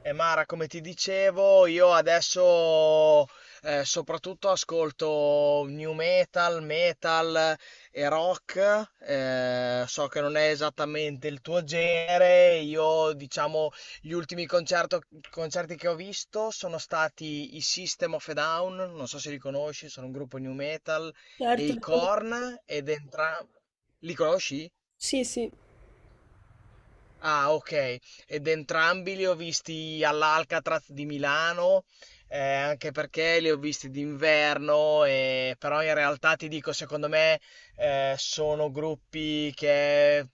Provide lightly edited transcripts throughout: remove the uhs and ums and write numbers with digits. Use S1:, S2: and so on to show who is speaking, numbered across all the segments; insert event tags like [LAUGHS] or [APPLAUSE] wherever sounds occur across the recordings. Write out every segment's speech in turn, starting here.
S1: E Mara, come ti dicevo, io adesso soprattutto ascolto new metal, metal e rock. So che non è esattamente il tuo genere. Io, diciamo, gli ultimi concerto- concerti che ho visto sono stati i System of a Down, non so se li conosci, sono un gruppo new metal, e
S2: Certo,
S1: i Korn, ed entrambi... Li conosci?
S2: sì, sì,
S1: Ah, okay. Ed entrambi li ho visti all'Alcatraz di Milano, anche perché li ho visti d'inverno, però in realtà ti dico, secondo me, sono gruppi che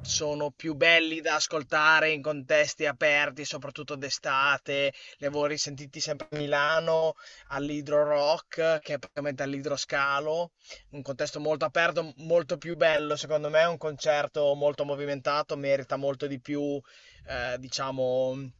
S1: sono più belli da ascoltare in contesti aperti, soprattutto d'estate. Li avevo risentiti sempre a Milano all'Hydro Rock, che è praticamente all'Idroscalo, un contesto molto aperto, molto più bello, secondo me, è un concerto molto movimentato, merita molto di più, diciamo,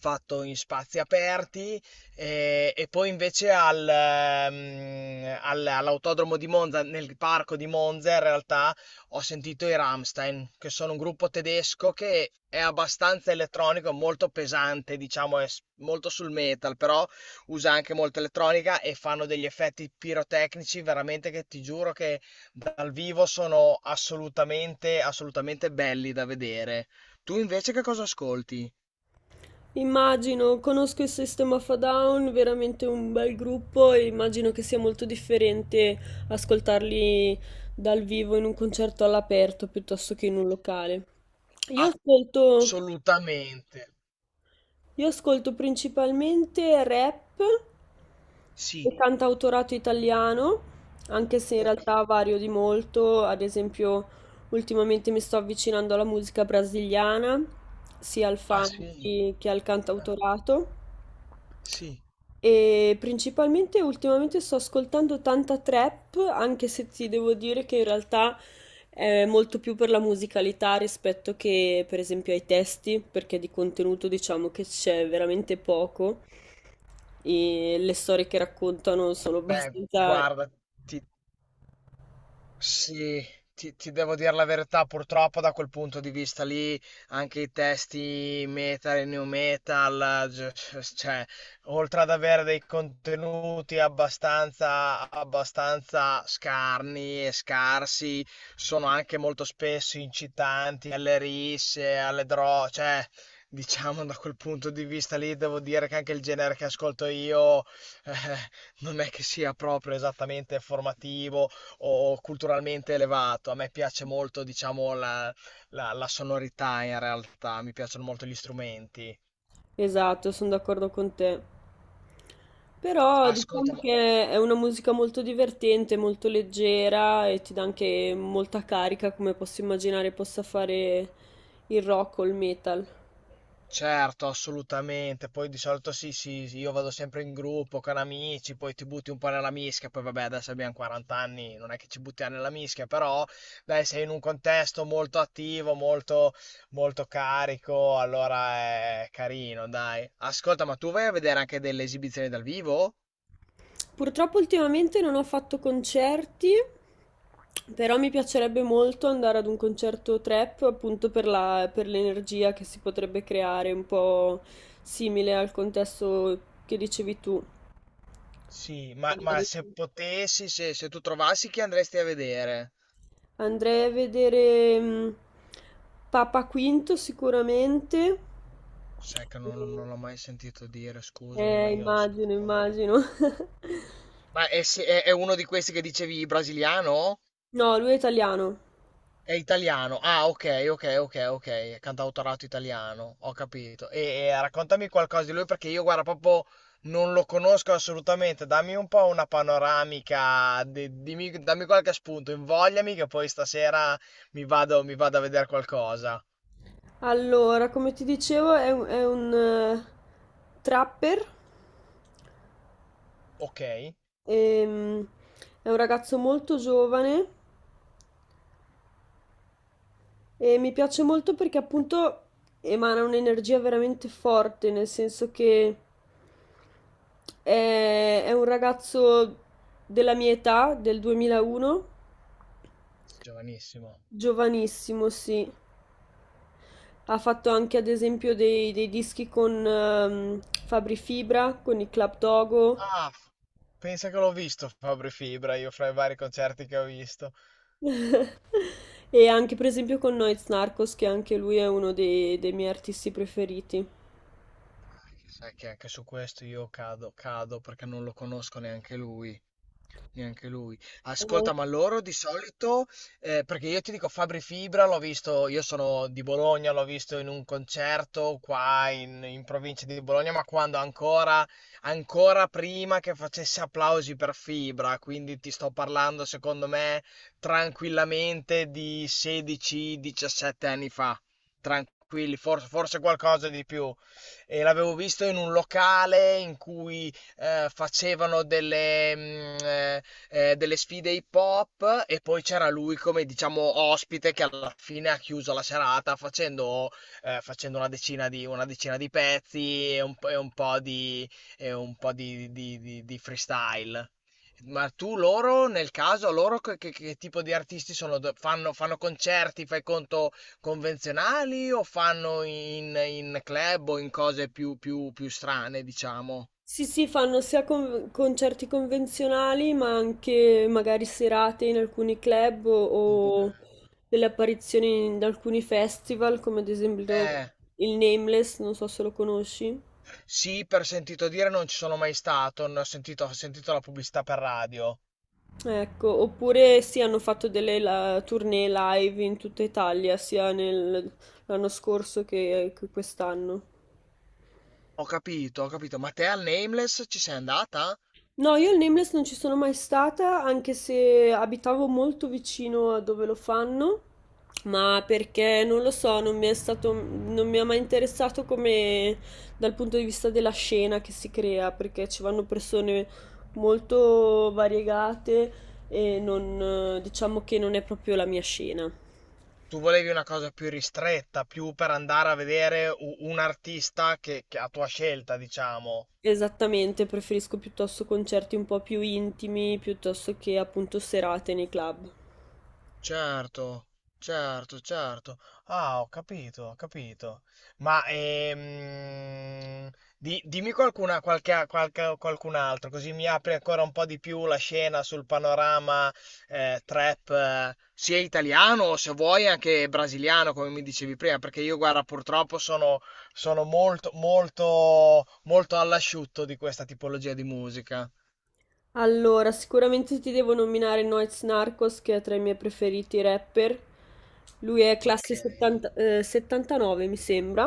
S1: fatto in spazi aperti, e poi invece all'autodromo di Monza, nel parco di Monza, in realtà ho sentito i Rammstein, che sono un gruppo tedesco che è abbastanza elettronico, molto pesante, diciamo, molto sul metal, però usa anche molta elettronica e fanno degli effetti pirotecnici veramente che ti giuro che dal vivo sono assolutamente, assolutamente belli da vedere. Tu invece che cosa ascolti?
S2: immagino, conosco il System of a Down, veramente un bel gruppo e immagino che sia molto differente ascoltarli dal vivo in un concerto all'aperto piuttosto che in un locale. Io ascolto,
S1: Assolutamente.
S2: io ascolto principalmente rap
S1: Sì.
S2: e cantautorato italiano, anche se in
S1: Ok.
S2: realtà vario di molto, ad esempio ultimamente mi sto avvicinando alla musica brasiliana, sia al
S1: Ah
S2: funk
S1: sì.
S2: che al
S1: Ah,
S2: cantautorato.
S1: sì.
S2: E principalmente ultimamente sto ascoltando tanta trap, anche se ti devo dire che in realtà è molto più per la musicalità rispetto che per esempio ai testi, perché di contenuto diciamo che c'è veramente poco e le storie che raccontano sono
S1: Beh,
S2: abbastanza.
S1: guarda, ti, sì, ti devo dire la verità, purtroppo da quel punto di vista lì anche i testi metal e new metal, cioè, oltre ad avere dei contenuti abbastanza, abbastanza scarni e scarsi, sono anche molto spesso incitanti alle risse, alle droghe, cioè, diciamo da quel punto di vista lì devo dire che anche il genere che ascolto io eh, non è che sia proprio esattamente formativo o culturalmente elevato. A me piace molto, diciamo, la sonorità in realtà, mi piacciono molto gli strumenti.
S2: Esatto, sono d'accordo con te. Però
S1: Ascolta,
S2: diciamo
S1: ma-
S2: che è una musica molto divertente, molto leggera e ti dà anche molta carica, come posso immaginare possa fare il rock o il metal.
S1: certo, assolutamente. Poi di solito sì, sì, sì, io vado sempre in gruppo con amici, poi ti butti un po' nella mischia, poi vabbè, adesso abbiamo 40 anni, non è che ci buttiamo nella mischia, però dai, sei in un contesto molto attivo, molto, molto carico, allora è carino, dai. Ascolta, ma tu vai a vedere anche delle esibizioni dal vivo?
S2: Purtroppo ultimamente non ho fatto concerti, però mi piacerebbe molto andare ad un concerto trap, appunto per l'energia che si potrebbe creare, un po' simile al contesto che dicevi tu.
S1: Sì, ma
S2: Magari.
S1: se potessi, se tu trovassi chi andresti a vedere?
S2: Andrei a vedere Papa Quinto sicuramente.
S1: Sai che non,
S2: E-
S1: non l'ho mai sentito dire, scusami,
S2: Eh,
S1: ma io
S2: immagino,
S1: sono un
S2: immagino.
S1: po'...
S2: [LAUGHS]
S1: Ma è, se- è uno di questi che dicevi brasiliano?
S2: No, lui è italiano.
S1: È italiano. Ah, ok, ok, ok, ok. Cantautorato italiano, ho capito. E raccontami qualcosa di lui perché io, guarda, proprio non lo conosco assolutamente. Dammi un po' una panoramica, dammi qualche spunto, invogliami che poi stasera mi vado a vedere qualcosa.
S2: Allora, come ti dicevo, è un trapper.
S1: Ok.
S2: Ehm, è un ragazzo molto giovane e mi piace molto perché appunto emana un'energia veramente forte, nel senso che è un ragazzo della mia età, del 2001,
S1: Giovanissimo.
S2: giovanissimo, sì. Ha fatto anche ad esempio dei dischi con Fabri Fibra, con i Club Dogo
S1: Ah, f- pensa che l'ho visto Fabri Fibra, io fra i vari concerti che ho visto.
S2: [LAUGHS] e anche per esempio con Noyz Narcos, che anche lui è uno dei miei artisti preferiti.
S1: Sai che anche su questo io cado, cado perché non lo conosco neanche lui. Neanche lui. Ascolta, ma loro di solito, perché io ti dico Fabri Fibra, l'ho visto, io sono di Bologna, l'ho visto in un concerto qua in provincia di Bologna, ma quando ancora, ancora prima che facesse applausi per Fibra, quindi ti sto parlando, secondo me, tranquillamente di 16-17 anni fa. Tranquilli, forse, forse qualcosa di più. E l'avevo visto in un locale in cui delle sfide hip hop e poi c'era lui come diciamo ospite che alla fine ha chiuso la serata facendo, facendo una decina di pezzi e e un po' di, di freestyle. Ma tu loro, nel caso, loro che tipo di artisti sono? Fanno, fanno concerti, fai conto, convenzionali o fanno in, in club o in cose più, più, più strane, diciamo?
S2: Sì, sì, fanno sia concerti convenzionali, ma anche magari serate in alcuni club
S1: In-
S2: o delle apparizioni in alcuni festival, come ad esempio
S1: Eh.
S2: il Nameless, non so se lo conosci.
S1: Sì, per sentito dire, non ci sono mai stato, ne ho sentito la pubblicità per radio.
S2: Ecco, oppure sì, hanno fatto delle tournée live in tutta Italia, sia l'anno scorso che quest'anno.
S1: Ho capito, ma te al Nameless ci sei andata?
S2: No, io il Nameless non ci sono mai stata, anche se abitavo molto vicino a dove lo fanno, ma perché non lo so, non mi è stato, non mi ha mai interessato come dal punto di vista della scena che si crea, perché ci vanno persone molto variegate e non, diciamo che non è proprio la mia scena.
S1: Tu volevi una cosa più ristretta, più per andare a vedere un artista che a tua scelta, diciamo.
S2: Esattamente, preferisco piuttosto concerti un po' più intimi, piuttosto che appunto serate nei club.
S1: Certo, certo, certo. Ah, ho capito, ho capito. Ma dimmi qualcuna, qualche, qualcun altro, così mi apri ancora un po' di più la scena sul panorama trap, sia italiano o se vuoi anche brasiliano, come mi dicevi prima, perché io, guarda, purtroppo sono, sono molto, molto, molto all'asciutto di questa tipologia di musica.
S2: Allora, sicuramente ti devo nominare Noyz Narcos, che è tra i miei preferiti rapper. Lui è classe
S1: Ok.
S2: 70 79, mi sembra.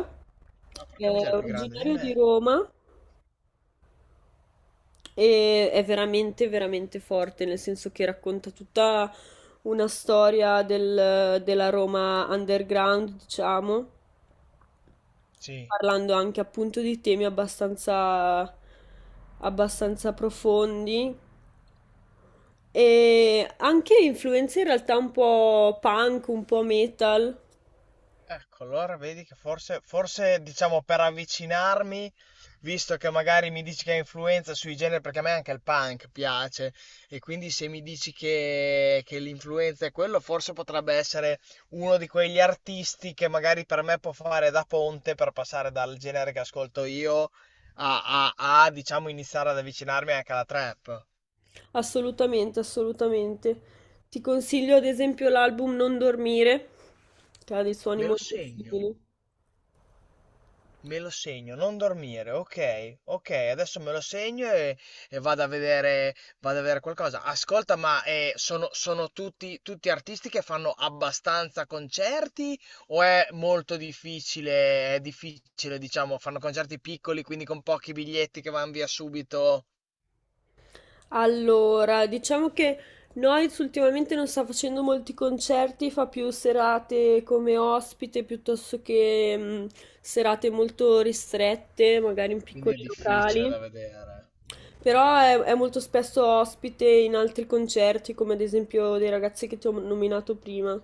S1: Ma
S2: È
S1: porca miseria, è più grande di
S2: originario di
S1: me.
S2: Roma e è veramente, veramente forte, nel senso che racconta tutta una storia della Roma underground, diciamo,
S1: Sì.
S2: parlando anche appunto di temi abbastanza, abbastanza profondi e anche influenze in realtà un po' punk, un po' metal.
S1: Ecco, allora vedi che forse, forse diciamo per avvicinarmi, visto che magari mi dici che ha influenza sui generi, perché a me anche il punk piace, e quindi se mi dici che l'influenza è quello, forse potrebbe essere uno di quegli artisti che magari per me può fare da ponte per passare dal genere che ascolto io a, diciamo, iniziare ad avvicinarmi anche alla trap.
S2: Assolutamente, assolutamente. Ti consiglio ad esempio l'album Non dormire, che ha dei suoni
S1: Me lo
S2: molto
S1: segno.
S2: simili.
S1: Me lo segno, non dormire, ok, ok, adesso me lo segno e vado a vedere qualcosa. Ascolta, ma sono, sono tutti, tutti artisti che fanno abbastanza concerti o è molto difficile, è difficile, diciamo, fanno concerti piccoli, quindi con pochi biglietti che vanno via subito,
S2: Allora, diciamo che Noyz ultimamente non sta facendo molti concerti, fa più serate come ospite piuttosto che serate molto ristrette, magari in
S1: quindi è
S2: piccoli
S1: difficile
S2: locali.
S1: da vedere.
S2: Però è molto spesso ospite in altri concerti, come ad esempio dei ragazzi che ti ho nominato prima.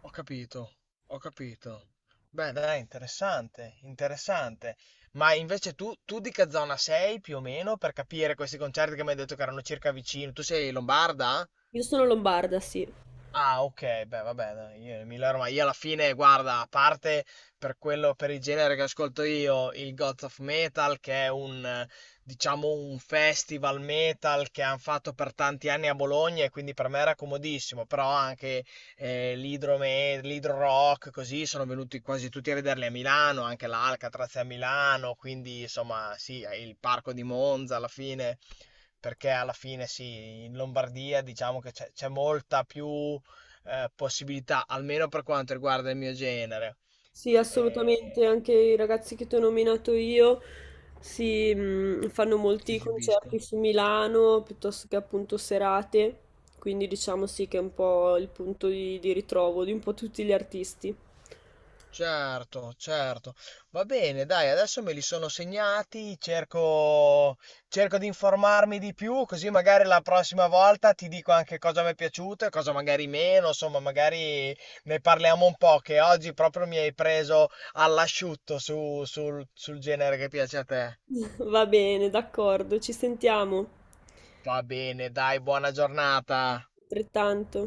S1: Ho capito, ho capito. Beh, dai, interessante, interessante. Ma invece tu, tu di che zona sei più o meno per capire questi concerti che mi hai detto che erano circa vicino? Tu sei lombarda?
S2: Io sono lombarda, sì.
S1: Ah, ok, beh, vabbè, dai, io Emilia Romagna, io alla fine, guarda, a parte per quello, per il genere che ascolto io, il Gods of Metal, che è un, diciamo, un festival metal che hanno fatto per tanti anni a Bologna e quindi per me era comodissimo, però anche l'Hydro Rock, così, sono venuti quasi tutti a vederli a Milano, anche l'Alcatraz è a Milano, quindi, insomma, sì, il Parco di Monza alla fine, perché alla fine sì, in Lombardia diciamo che c'è molta più possibilità, almeno per quanto riguarda il mio genere.
S2: Sì,
S1: Eh,
S2: assolutamente, anche i ragazzi che ti ho nominato io si, fanno
S1: si
S2: molti concerti
S1: esibiscono.
S2: su Milano piuttosto che appunto serate, quindi diciamo sì che è un po' il punto di ritrovo di un po' tutti gli artisti.
S1: Certo, certo. Va bene, dai, adesso me li sono segnati, cerco, cerco di informarmi di più, così magari la prossima volta ti dico anche cosa mi è piaciuto e cosa magari meno, insomma, magari ne parliamo un po', che oggi proprio mi hai preso all'asciutto sul sul genere che piace a te.
S2: [LAUGHS] Va bene, d'accordo, ci sentiamo,
S1: Va bene, dai, buona giornata.
S2: altrettanto.